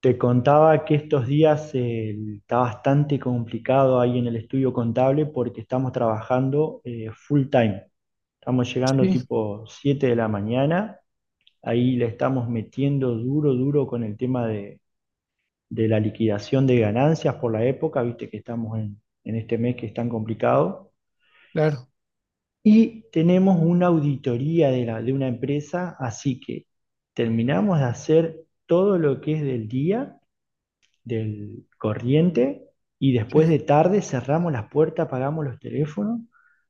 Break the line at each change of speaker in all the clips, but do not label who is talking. Te contaba que estos días está bastante complicado ahí en el estudio contable porque estamos trabajando full time. Estamos llegando
Sí,
tipo 7 de la mañana, ahí le estamos metiendo duro, duro con el tema de la liquidación de ganancias por la época, viste que estamos en este mes que es tan complicado.
claro,
Y tenemos una auditoría de una empresa, así que terminamos de hacer todo lo que es del día del corriente y después
sí.
de tarde cerramos las puertas, apagamos los teléfonos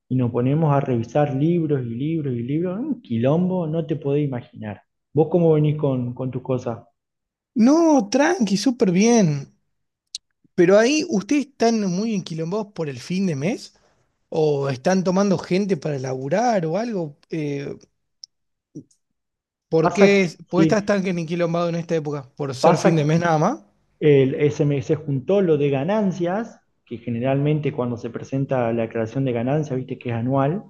y nos ponemos a revisar libros y libros y libros. Un quilombo, no te podés imaginar. ¿Vos cómo venís con tus cosas?
No, tranqui, súper bien. Pero ahí, ¿ustedes están muy enquilombados por el fin de mes? ¿O están tomando gente para laburar o algo? ¿Por
Pasa,
qué, por qué estás
sí,
tan enquilombado en esta época? ¿Por ser fin de
pasa.
mes nada más?
El SMS juntó lo de ganancias, que generalmente cuando se presenta la declaración de ganancias, viste que es anual,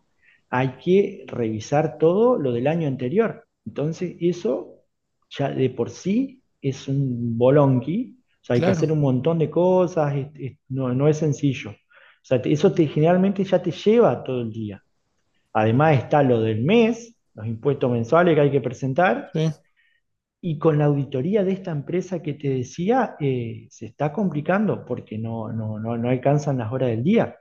hay que revisar todo lo del año anterior. Entonces, eso ya de por sí es un bolonqui, o sea, hay que hacer
Claro.
un montón de cosas, no es sencillo. O sea, eso te, generalmente ya te lleva todo el día. Además está lo del mes, los impuestos mensuales que hay que presentar,
Sí.
y con la auditoría de esta empresa que te decía, se está complicando porque no alcanzan las horas del día.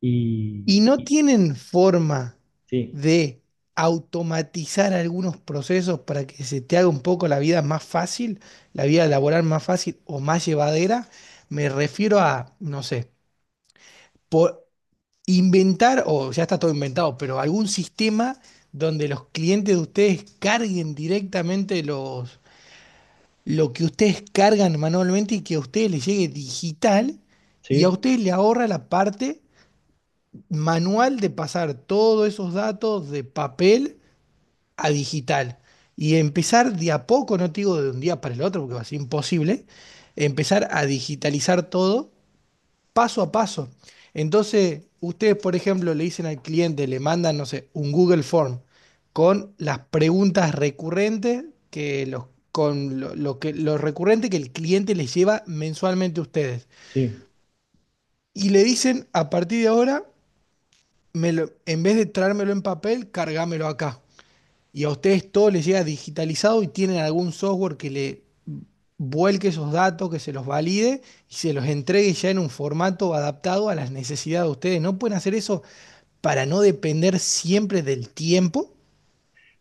Y,
¿Y no
y-
tienen forma
sí,
de automatizar algunos procesos para que se te haga un poco la vida más fácil, la vida laboral más fácil o más llevadera? Me refiero a, no sé, por inventar, o ya está todo inventado, pero algún sistema donde los clientes de ustedes carguen directamente los, lo que ustedes cargan manualmente y que a ustedes les llegue digital y a
sí,
ustedes le ahorra la parte manual de pasar todos esos datos de papel a digital y empezar de a poco, no te digo de un día para el otro porque va a ser imposible, empezar a digitalizar todo paso a paso. Entonces, ustedes, por ejemplo, le dicen al cliente, le mandan, no sé, un Google Form con las preguntas recurrentes que los, con lo que, lo recurrente que el cliente les lleva mensualmente a ustedes.
sí.
Y le dicen, a partir de ahora, en vez de traérmelo en papel, cargámelo acá y a ustedes todo les llega digitalizado y tienen algún software que le vuelque esos datos, que se los valide y se los entregue ya en un formato adaptado a las necesidades de ustedes. ¿No pueden hacer eso para no depender siempre del tiempo?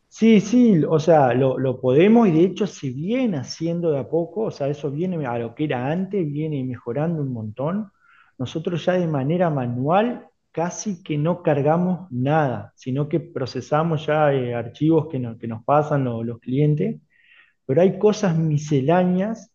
Sí, sí, o sea, lo podemos y de hecho se viene haciendo de a poco, o sea, eso viene a lo que era antes, viene mejorando un montón. Nosotros ya de manera manual casi que no cargamos nada, sino que procesamos ya archivos que, no- que nos pasan los clientes. Pero hay cosas misceláneas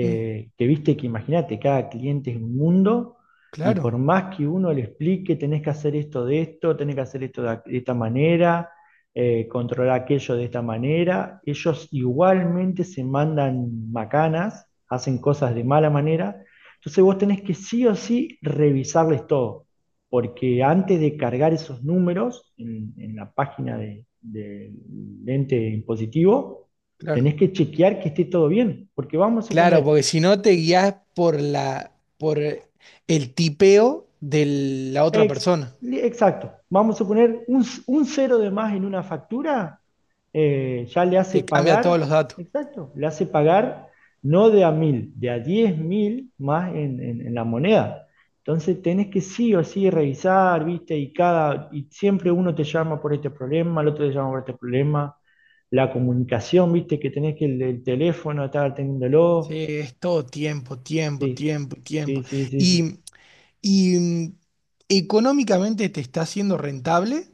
Mm,
que viste que imagínate, cada cliente es un mundo, y por
claro,
más que uno le explique, tenés que hacer esto de esto, tenés que hacer esto de esta manera, controlar aquello de esta manera, ellos igualmente se mandan macanas, hacen cosas de mala manera. Entonces vos tenés que sí o sí revisarles todo, porque antes de cargar esos números en la página del ente impositivo,
claro.
tenés que chequear que esté todo bien, porque vamos a
Claro,
suponer,
porque si no te guías por por el tipeo de la otra
ex,
persona.
exacto, vamos a suponer un cero de más en una factura, ya le hace
Te cambia todos
pagar,
los datos.
exacto, le hace pagar no de a mil, de a diez mil más en la moneda. Entonces tenés que sí o sí revisar, ¿viste? Y cada y siempre uno te llama por este problema, el otro te llama por este problema, la comunicación, ¿viste? Que tenés que el teléfono estar atendiéndolo.
Sí, es todo tiempo, tiempo,
Sí,
tiempo,
sí,
tiempo.
sí, sí, sí.
Y Y económicamente te está siendo rentable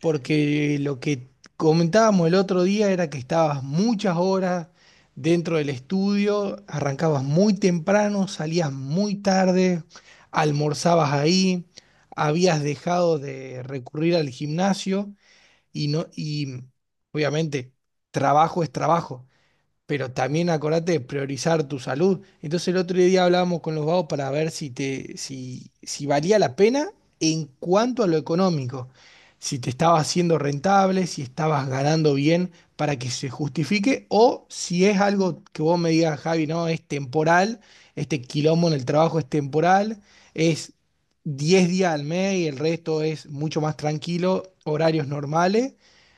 porque lo que comentábamos el otro día era que estabas muchas horas dentro del estudio, arrancabas muy temprano, salías muy tarde, almorzabas ahí, habías dejado de recurrir al gimnasio y no, y obviamente trabajo es trabajo pero también acordate de priorizar tu salud. Entonces el otro día hablábamos con los vagos para ver si te, si, si valía la pena en cuanto a lo económico, si te estaba haciendo rentable, si estabas ganando bien para que se justifique, o si es algo que vos me digas, Javi, no, es temporal, este quilombo en el trabajo es temporal, es 10 días al mes y el resto es mucho más tranquilo, horarios normales.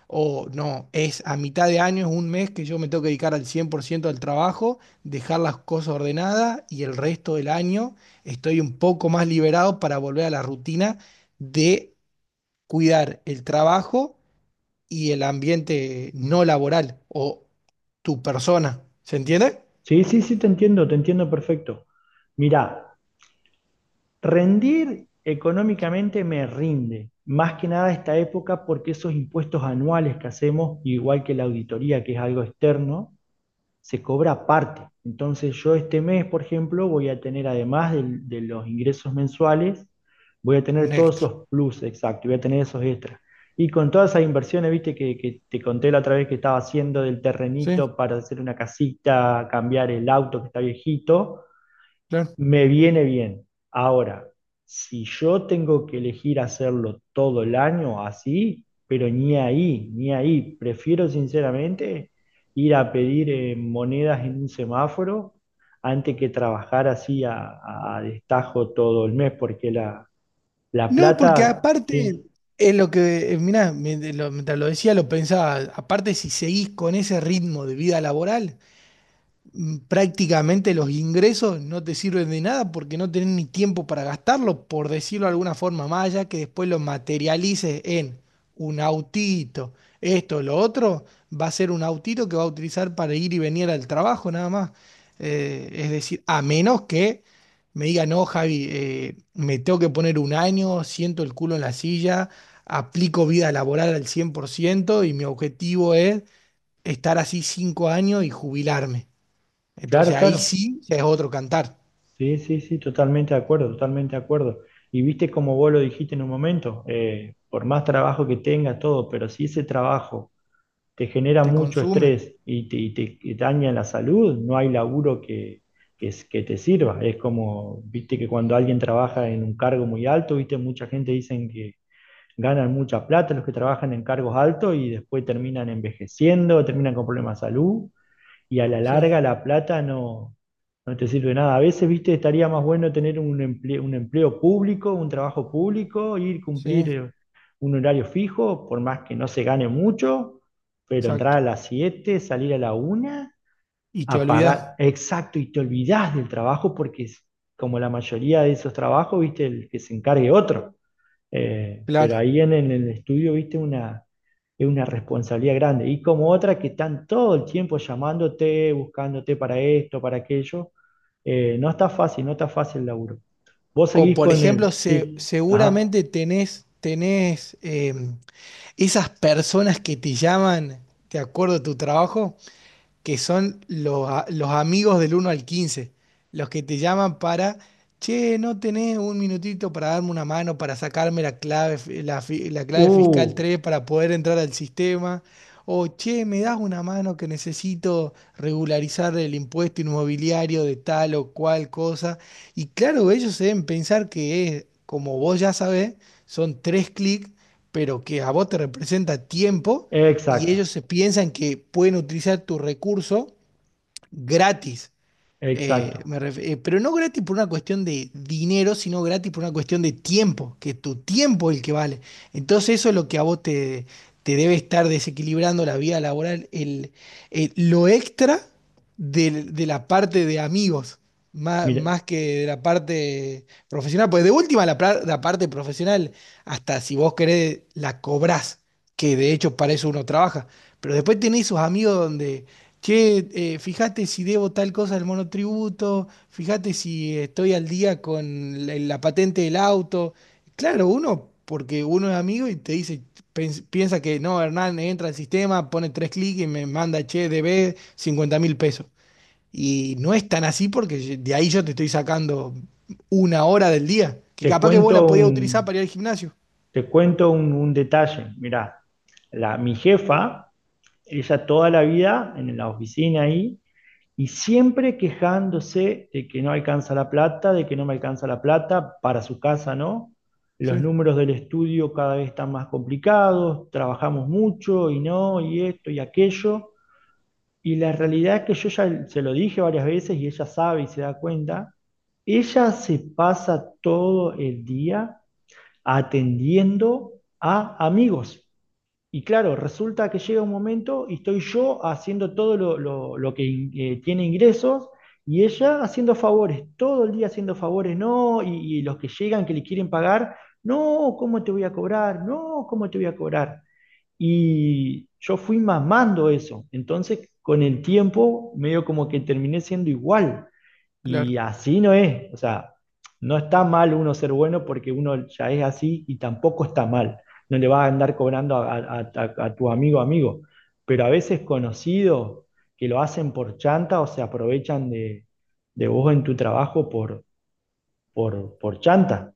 O no, es a mitad de año, es un mes que yo me tengo que dedicar al 100% al trabajo, dejar las cosas ordenadas y el resto del año estoy un poco más liberado para volver a la rutina de cuidar el trabajo y el ambiente no laboral o tu persona. ¿Se entiende?
Sí, sí, sí, te entiendo perfecto. Mirá, rendir económicamente me rinde, más que nada esta época porque esos impuestos anuales que hacemos, igual que la auditoría, que es algo externo, se cobra aparte. Entonces yo este mes, por ejemplo, voy a tener, además de los ingresos mensuales, voy a
Un
tener todos
extra.
esos plus, exacto, voy a tener esos extras. Y con todas esas inversiones, viste, que te conté la otra vez que estaba haciendo del
Sí,
terrenito para hacer una casita, cambiar el auto que está viejito,
claro.
me viene bien. Ahora, si yo tengo que elegir hacerlo todo el año así, pero ni ahí, ni ahí, prefiero sinceramente ir a pedir monedas en un semáforo antes que trabajar así a destajo todo el mes, porque la
No, porque
plata,
aparte,
sí,
es lo que, mira, mientras lo decía, lo pensaba, aparte si seguís con ese ritmo de vida laboral. Prácticamente los ingresos no te sirven de nada porque no tenés ni tiempo para gastarlo, por decirlo de alguna forma, más allá que después lo materialices en un autito, esto, lo otro, va a ser un autito que va a utilizar para ir y venir al trabajo nada más. Es decir, a menos que me diga, no, Javi, me tengo que poner un año, siento el culo en la silla, aplico vida laboral al 100% y mi objetivo es estar así 5 años y jubilarme. Entonces
claro,
ahí
claro,
sí ya es otro cantar.
sí, sí, sí, totalmente de acuerdo, totalmente de acuerdo. Y viste como vos lo dijiste en un momento, por más trabajo que tenga todo, pero si ese trabajo te genera
Te
mucho
consume.
estrés y daña la salud, no hay laburo que te sirva. Es como, viste que cuando alguien trabaja en un cargo muy alto, viste, mucha gente dicen que ganan mucha plata los que trabajan en cargos altos y después terminan envejeciendo, terminan con problemas de salud y a la
Sí,
larga la plata no te sirve nada. A veces, viste, estaría más bueno tener un empleo público, un trabajo público, ir
sí,
cumplir un horario fijo, por más que no se gane mucho, pero entrar a
exacto.
las 7 salir a la una
Y te
a
olvidas,
pagar, exacto, y te olvidás del trabajo porque es como la mayoría de esos trabajos, viste, el que se encargue otro. Pero
claro.
ahí en el estudio, viste, es una responsabilidad grande. Y como otra que están todo el tiempo llamándote, buscándote para esto, para aquello. No está fácil, no está fácil el laburo. Vos
O
seguís
por
con
ejemplo,
él, sí. Ajá.
seguramente tenés esas personas que te llaman, ¿te acuerdo de tu trabajo? Que son los amigos del 1 al 15, los que te llaman para, che, ¿no tenés un minutito para darme una mano, para sacarme la clave, la clave fiscal
Uh,
3 para poder entrar al sistema? O, che, ¿me das una mano que necesito regularizar el impuesto inmobiliario de tal o cual cosa? Y claro, ellos deben pensar que es, como vos ya sabés, son tres clics, pero que a vos te representa tiempo y
exacto,
ellos se piensan que pueden utilizar tu recurso gratis.
exacto.
Pero no gratis por una cuestión de dinero, sino gratis por una cuestión de tiempo, que tu tiempo es el que vale. Entonces eso es lo que a vos te debe estar desequilibrando la vida laboral, lo extra la parte de amigos,
Mira,
más, que de la parte profesional. Pues de última, la parte profesional, hasta si vos querés, la cobrás, que de hecho para eso uno trabaja. Pero después tenés esos amigos donde che, fíjate si debo tal cosa al monotributo, fíjate si estoy al día con la patente del auto. Claro, uno, porque uno es amigo y te dice, piensa que no, Hernán entra al sistema, pone tres clics y me manda, che, debe 50.000 pesos. Y no es tan así porque de ahí yo te estoy sacando una hora del día, que
te
capaz que
cuento
vos la podías utilizar
un,
para ir al gimnasio.
te cuento un, un detalle. Mira, mi jefa, ella toda la vida en la oficina ahí, y siempre quejándose de que no alcanza la plata, de que no me alcanza la plata para su casa, ¿no? Los
Sí,
números del estudio cada vez están más complicados, trabajamos mucho y no, y esto y aquello. Y la realidad es que yo ya se lo dije varias veces y ella sabe y se da cuenta, ella se pasa todo el día atendiendo a amigos. Y claro, resulta que llega un momento y estoy yo haciendo todo lo que tiene ingresos y ella haciendo favores, todo el día haciendo favores, no, y los que llegan que le quieren pagar, no, ¿cómo te voy a cobrar? No, ¿cómo te voy a cobrar? Y yo fui mamando eso, entonces con el tiempo medio como que terminé siendo igual. Y
claro.
así no es, o sea, no está mal uno ser bueno porque uno ya es así y tampoco está mal. No le vas a andar cobrando a tu amigo amigo, pero a veces conocidos que lo hacen por chanta o se aprovechan de vos en tu trabajo por chanta.